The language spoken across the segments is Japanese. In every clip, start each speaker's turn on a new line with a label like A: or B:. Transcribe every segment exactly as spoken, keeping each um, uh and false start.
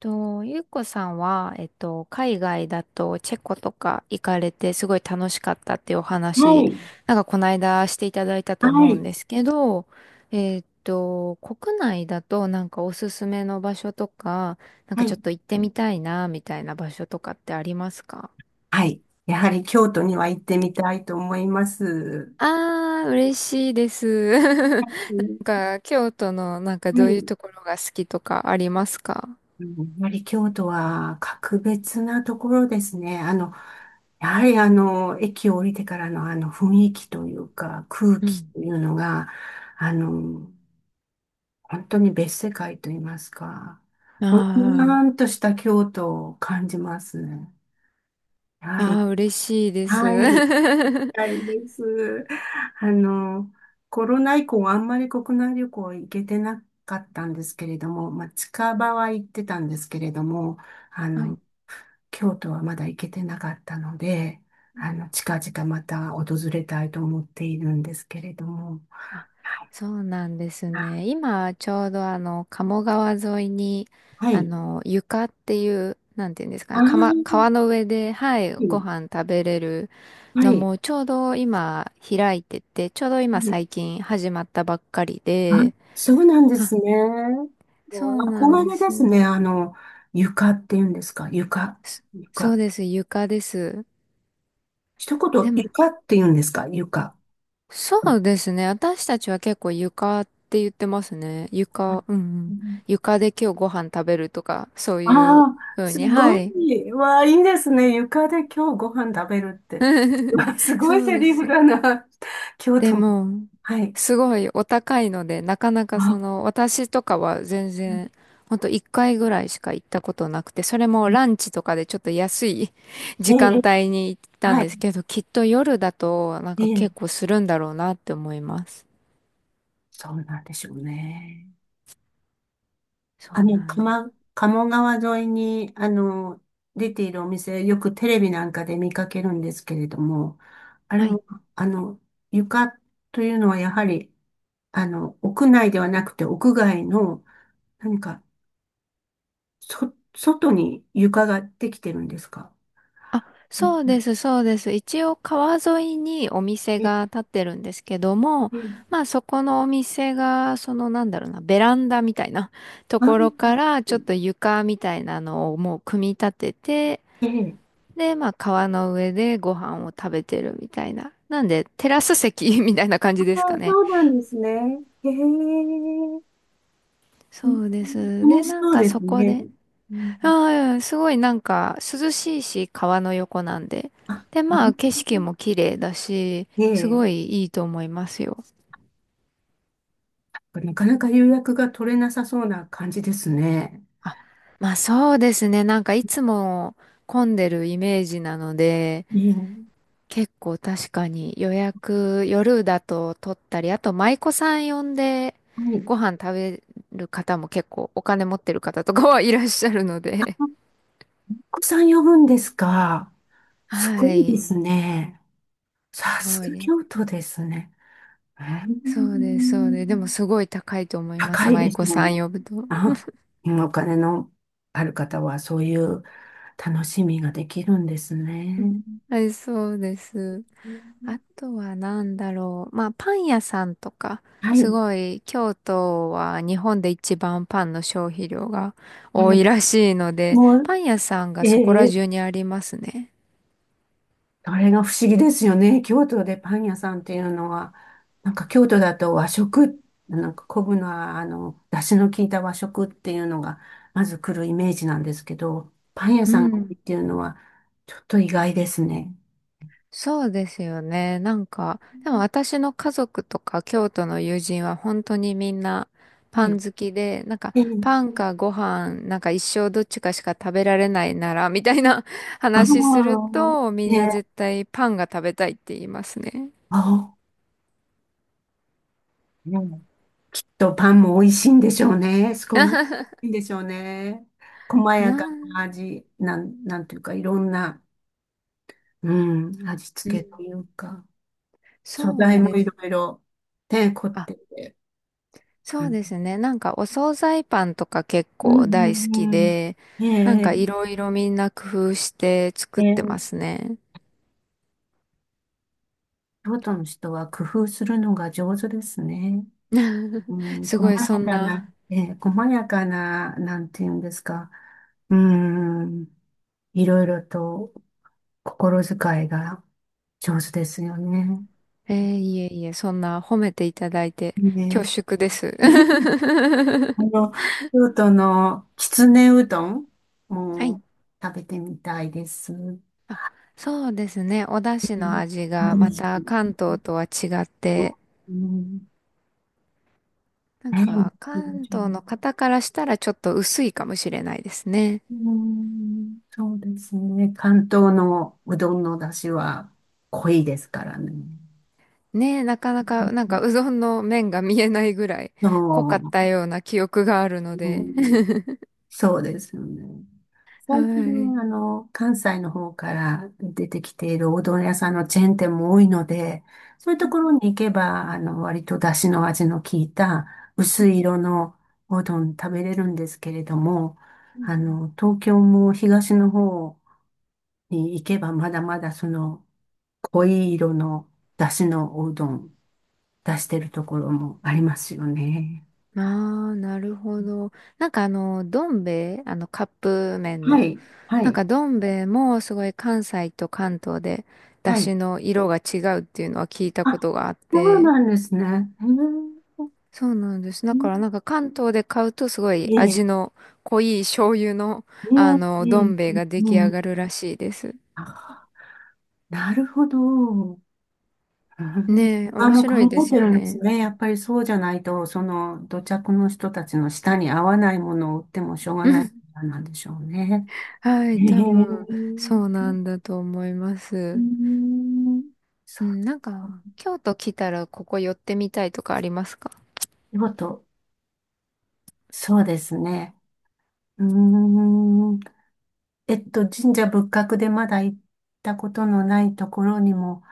A: と、ゆうこさんは、えっと、海外だとチェコとか行かれてすごい楽しかったっていうお
B: は
A: 話、
B: い、
A: なんかこの間していただいたと
B: は
A: 思うん
B: い、
A: ですけど、えっと、国内だとなんかおすすめの場所とか、なん
B: は
A: かちょっ
B: い、
A: と行ってみたいな、みたいな場所とかってありますか？
B: はい。やはり京都には行ってみたいと思います。
A: あー、嬉しいです。なん
B: うん、
A: か、京都のなんか
B: は
A: どういう
B: い。
A: ところが好きとかありますか？
B: うんやはり京都は格別なところですね。あの、やはりあの、駅を降りてからのあの雰囲気というか、空
A: う
B: 気
A: ん。
B: というのが、あの、本当に別世界と言いますか、
A: あ
B: ぼんや
A: ー、
B: んとした京都を感じますね。やはり、
A: あー、嬉しいです。
B: はい。たいです。あの、コロナ以降あんまり国内旅行行けてなかったんですけれども、まあ、近場は行ってたんですけれども、あ
A: は
B: の、
A: い。
B: 京都はまだ行けてなかったので、あの、近々また訪れたいと思っているんですけれども。
A: あ、そうなんです
B: あ、
A: ね。今、ちょうどあの、鴨川沿いに、
B: は
A: あ
B: い。
A: の、床っていう、なんていうんですか
B: ああ、
A: ね、かま
B: は
A: 川の上で、はい、ご飯食べれるの
B: い。
A: も、ちょうど今、開いてて、ちょうど
B: う
A: 今、
B: ん
A: 最近始まったばっかり
B: あ、
A: で、
B: そうなんで
A: あ、
B: すね。
A: そうなん
B: 憧
A: で
B: れです
A: す。
B: ね。あの、床っていうんですか。床。
A: そそう
B: 床。
A: です、床です。
B: 一
A: で
B: 言、
A: も、
B: 床って言うんですか床。
A: そうですね。私たちは結構床って言ってますね。床、うんうん。床で今日ご飯食べるとか、そう
B: あ
A: いう
B: あー、
A: ふう
B: す
A: に。は
B: ご
A: い。
B: い。わあ、いいですね。床で今日ご飯食べるって。わあすごい
A: そう
B: セ
A: で
B: リフ
A: す。
B: だな。京
A: で
B: 都も。
A: も、
B: はい。
A: すごいお高いので、なかなかそ
B: あ、
A: の、私とかは全然、ほんといっかいぐらいしか行ったことなくて、それもランチとかでちょっと安い
B: え
A: 時間
B: え、
A: 帯に行ったん
B: はい。
A: ですけど、きっと夜だとなん
B: え
A: か
B: え、
A: 結構するんだろうなって思います。
B: そうなんでしょうね。
A: そ
B: あ
A: う
B: の、
A: なんで
B: 鎌、
A: す。
B: 鴨川沿いに、あの、出ているお店、よくテレビなんかで見かけるんですけれども、あれ
A: はい。
B: も、あの、床というのはやはり、あの、屋内ではなくて屋外の、何か、そ、外に床ができてるんですか？
A: あ、
B: う
A: そうで
B: ん
A: す、そうです。一応川沿いにお店
B: え
A: が建ってるんですけども、
B: え、
A: まあそこのお店が、そのなんだろうな、ベランダみたいなと
B: あー
A: ころからちょっと床みたいなのをもう組み立てて、
B: ええ、
A: で、まあ川の上でご飯を食べてるみたいな。なんでテラス席 みたいな感
B: あ
A: じですか
B: ー、
A: ね。
B: そうなんですね。へえ、う
A: そ
B: ん
A: うです。
B: 楽
A: で、
B: し
A: なん
B: そう
A: か
B: です
A: そこ
B: ね。
A: で、
B: うん
A: ああ、すごいなんか涼しいし、川の横なんで。
B: あ、
A: で、
B: う
A: まあ
B: ん
A: 景色も綺麗だし、
B: え
A: す
B: え、
A: ごいいいと思いますよ。
B: なかなか予約が取れなさそうな感じですね。
A: あ、まあそうですね。なんかいつも混んでるイメージなので、
B: ねえ、は
A: 結構確かに予約夜だと取ったり、あと舞妓さん呼んで
B: い。
A: ご飯食べる方も結構お金持ってる方とかはいらっしゃるので。
B: お子さん呼ぶんですか？ すご
A: は
B: いで
A: い。
B: すね。さ
A: す
B: す
A: ごい
B: が
A: ね。
B: 京都ですね。ー
A: そうです、そうです。でも
B: ん
A: すごい高いと思いま
B: 高
A: す。
B: いで
A: 舞
B: す
A: 妓
B: も
A: さ
B: んね。
A: ん呼ぶと。
B: あ、お金のある方はそういう楽しみができるんです ね。
A: はい、そうです。あとは何だろう。まあ、パン屋さんとか、
B: は
A: す
B: い。
A: ごい、京都は日本で一番パンの消費量が
B: は
A: 多
B: い
A: いらしいので、
B: もう、
A: パン屋さんが
B: え
A: そこら
B: え
A: 中にありますね。
B: あれが不思議ですよね。京都でパン屋さんっていうのは、なんか京都だと和食、なんか昆布のあの、出汁の効いた和食っていうのが、まず来るイメージなんですけど、パン屋
A: う
B: さんが多いっ
A: ん。
B: ていうのは、ちょっと意外ですね。
A: そうですよね。なんか、でも私の家族とか京都の友人は本当にみんな
B: は
A: パ
B: い。
A: ン好きで、なんか
B: え
A: パ
B: え、
A: ンかご飯、なんか一生どっちかしか食べられないなら、みたいな
B: あ
A: 話する
B: あ、
A: と、み
B: え
A: んな
B: え、
A: 絶対パンが食べたいって言いますね。
B: ああ、うんと、パンも美味しいんでしょうね。すごい美味しいんでしょうね。細
A: な
B: やか
A: ん、
B: な味、なん、なんていうか、いろんな、うん、味
A: う
B: 付けと
A: ん、
B: いうか、素
A: そ
B: 材
A: う
B: も
A: で
B: い
A: す。
B: ろいろ、ね、凝っ
A: あ、
B: てて。う
A: そうで
B: ん、
A: すね。なんかお惣菜パンとか結
B: うん、
A: 構
B: う
A: 大好き
B: ん。うん
A: で、
B: え
A: なん
B: え、
A: かいろいろみんな工夫して
B: え
A: 作ってま
B: え、
A: すね。
B: 京都の人は工夫するのが上手ですね。うん、
A: す
B: 細
A: ごいそ
B: や
A: ん
B: かな、
A: な、
B: ええ、細やかな、なんていうんですか。うん。いろいろと心遣いが上手ですよね。
A: えー、いえいえ、そんな褒めていただいて恐
B: ね
A: 縮です。
B: え。あの、京都のきつねうどん
A: はい。
B: も食べてみたいです。う
A: そうですね。お出汁の
B: ん
A: 味がま
B: 私
A: た関東とは違って、
B: うん
A: なんか
B: ね
A: 関東の方からしたらちょっと薄いかもしれないですね。
B: うん、そうですね。関東のうどんの出汁は濃いですからね。
A: ねえ、なかなかなんかうどんの麺が見えないぐらい濃かった
B: そ
A: ような記憶があるの
B: う。
A: で。
B: うんそうですよね。
A: は
B: 最近、
A: い。う
B: あの、関西の方から出てきているおうどん屋さんのチェーン店も多いので、そういうと
A: ん
B: ころに行けば、あの、割と出汁の味の効いた
A: う
B: 薄
A: ん
B: い色のおうどん食べれるんですけれども、
A: うん
B: あ
A: うん。
B: の、東京も東の方に行けばまだまだその濃い色の出汁のおうどん出してるところもありますよね。
A: ああ、なるほど。なんかあの、どん兵衛、あの、カップ麺
B: は
A: の。
B: い、は
A: なん
B: い、
A: かどん兵衛もすごい関西と関東で出
B: はい。
A: 汁の色が違うっていうのは聞いた
B: あ、
A: ことがあっ
B: そう
A: て、
B: なんですね。
A: そうなんです。だからなんか関東で買うとすご
B: へ
A: い
B: え
A: 味の濃い醤油の、あ
B: うんえ
A: の、
B: え、
A: ど
B: ね
A: ん兵
B: え、
A: 衛が
B: う
A: 出
B: ん、
A: 来
B: うん、う
A: 上
B: ん
A: がるらしいです。
B: あ、なるほど。うん
A: ねえ、
B: あ
A: 面
B: の、
A: 白いで
B: 考え
A: す
B: て
A: よ
B: るんです
A: ね。
B: ね。やっぱりそうじゃないと、その土着の人たちの舌に合わないものを売ってもしょうがないか らなんでしょうね。
A: は
B: へ
A: い、
B: え、
A: 多分そうなんだと思いま
B: う
A: す。
B: ん、そ
A: うん、なん
B: う。
A: か京都来たらここ寄ってみたいとかありますか？
B: 見事、そうですね。うーん、えっと、神社仏閣でまだ行ったことのないところにも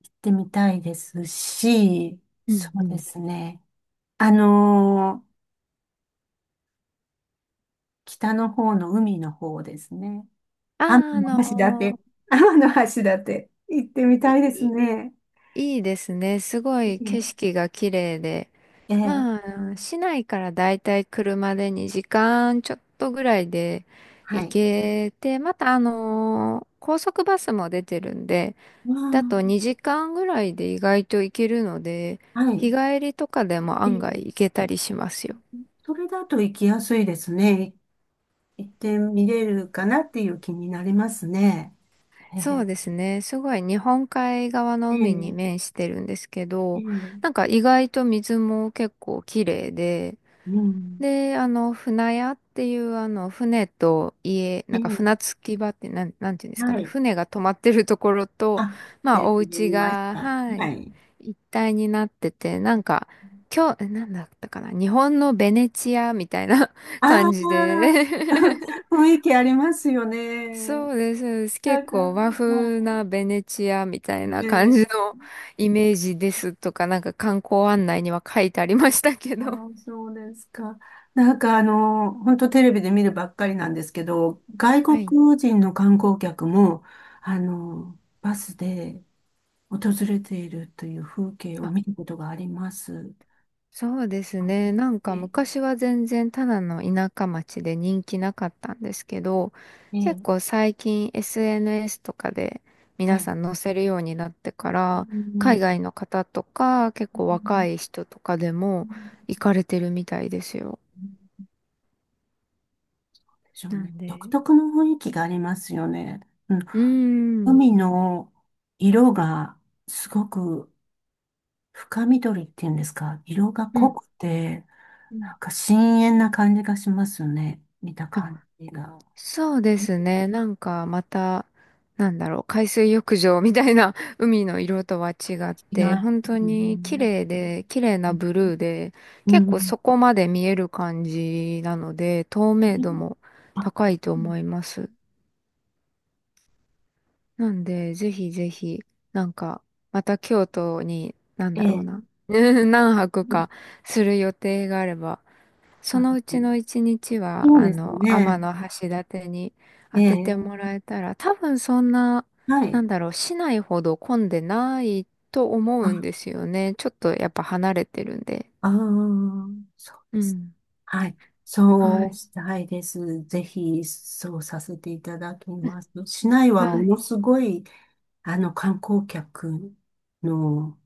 B: 行ってみたいですし、
A: う
B: そ
A: んう
B: うで
A: ん。
B: すね。あのー北の方の海の方ですね。
A: あ
B: 天
A: あ、あ
B: 橋立。
A: の
B: 天橋立。行ってみた
A: ー
B: いです
A: い
B: ね。
A: いいですね。すご
B: え
A: い景
B: え、
A: 色が綺麗で。
B: え
A: ま
B: え
A: あ、市内からだいたい車でにじかんちょっとぐらいで
B: は
A: 行
B: い。
A: けて、またあのー高速バスも出てるんで、
B: ま
A: だとにじかんぐらいで意外と行けるので、
B: あ、は
A: 日
B: い。
A: 帰りとかでも
B: え
A: 案外
B: え、
A: 行けたりしますよ。
B: それだと行きやすいですね。行ってみれるかなっていう気になりますね。え
A: そう
B: え、
A: ですね。すごい日本海側の
B: え
A: 海に
B: え、
A: 面してるんですけ
B: え
A: ど、
B: え、
A: なんか意外と水も結構綺麗で、
B: うん。
A: で、あの、船屋っていう、あの、船と家、な
B: え
A: んか
B: え、
A: 船着き場って、なん、なんていうんですか
B: は
A: ね、
B: い。
A: 船が止まってるところと、
B: あ、
A: ま
B: テレ
A: あ、お
B: ビで
A: 家
B: 見まし
A: が、
B: た。
A: は
B: は
A: い、
B: い。
A: 一体になってて、なんか、今日、え、なんだったかな、日本のベネチアみたいな
B: あ
A: 感じ
B: あ、
A: で、
B: 雰 囲気ありますよ
A: そ
B: ね。
A: うです、そうです。
B: な
A: 結
B: んか、
A: 構和
B: ま、
A: 風なベネチアみたい
B: え、
A: な感
B: ね、
A: じのイメージですとか、なんか観光案内には書いてありましたけ
B: あ
A: ど。
B: ー、そうですか。なんかあの、本当テレビで見るばっかりなんですけど、外
A: はい。
B: 国人の観光客も、あの、バスで訪れているという風景を見ることがあります。
A: そうです
B: あ
A: ね。なん
B: え
A: か
B: え、
A: 昔は全然ただの田舎町で人気なかったんですけど、
B: え
A: 結
B: え、
A: 構最近 エスエヌエス とかで
B: は
A: 皆
B: い。
A: さん載せるようになってか
B: う
A: ら、海
B: ん
A: 外の方とか結構若い人とかでも行かれてるみたいですよ。
B: でしょう
A: な
B: ね。
A: ん
B: 独
A: で、
B: 特の雰囲気がありますよね。うん。
A: うーん。
B: 海の色がすごく深緑っていうんですか。色が
A: う
B: 濃
A: ん。
B: くて、
A: う
B: な
A: ん、
B: んか深遠な感じがしますよね。見た感じが。
A: そうで
B: 違
A: すね。なんかまた、なんだろう、海水浴場みたいな 海の色とは違っ
B: い
A: て、
B: ま
A: 本
B: す
A: 当に綺
B: ね。
A: 麗で、綺麗なブルーで、
B: う
A: 結構
B: ん。
A: そこまで見える感じなので、透明度も
B: あ
A: 高いと思います。なんで、ぜひぜひ、なんか、また京都に、なん
B: え
A: だろうな、
B: え。
A: 何泊かする予定があれば、その
B: あ
A: うちのいちにちは、
B: そう
A: あ
B: です
A: の、う
B: ね。
A: の天橋立に
B: え
A: 当てて
B: え。
A: もらえたら、多分そんな、
B: は
A: なん
B: い。
A: だろう、市内ほど混んでないと思うんで
B: あ、
A: すよね。ちょっとやっぱ離れてるんで。
B: ああ、そう
A: う
B: です
A: ん、
B: はい。
A: は
B: そう
A: い。
B: したいです。ぜひ、そうさせていただきます。市内は
A: は
B: も
A: い。
B: のすごい、あの、観光客の、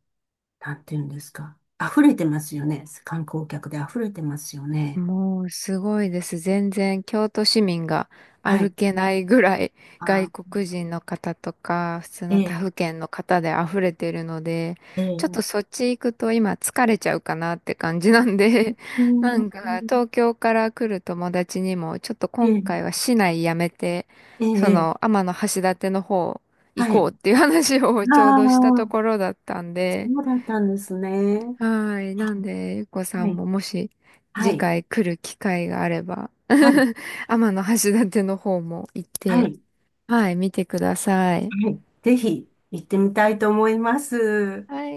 B: なんていうんですか。溢れてますよね。観光客で溢れてますよね。
A: もうすごいです。全然京都市民が
B: は
A: 歩
B: い。
A: けないぐらい 外
B: あ、
A: 国人の方とか普通
B: え
A: の他
B: え、
A: 府県の方で溢れてるので、
B: え
A: ちょっ
B: え、
A: とそっち行くと今疲れちゃうかなって感じなんで、
B: う
A: な
B: ん、
A: んか東京から来る友達にもちょっと
B: え
A: 今
B: え、
A: 回は市内やめて、
B: ええ、
A: その
B: ええ
A: 天橋立の方行
B: は
A: こ
B: い。
A: うっていう話を
B: あ
A: ちょうどしたと
B: あ、
A: ころだったんで、
B: そうだったんですね。
A: はい。なんで、ゆっこさ
B: は
A: ん
B: い。
A: ももし
B: は
A: 次
B: い。
A: 回来る機会があれば、
B: はい。
A: 天橋立の方も行っ
B: は
A: て、
B: い。
A: はい、見てください。
B: はい。ぜひ、行ってみたいと思います。
A: はい。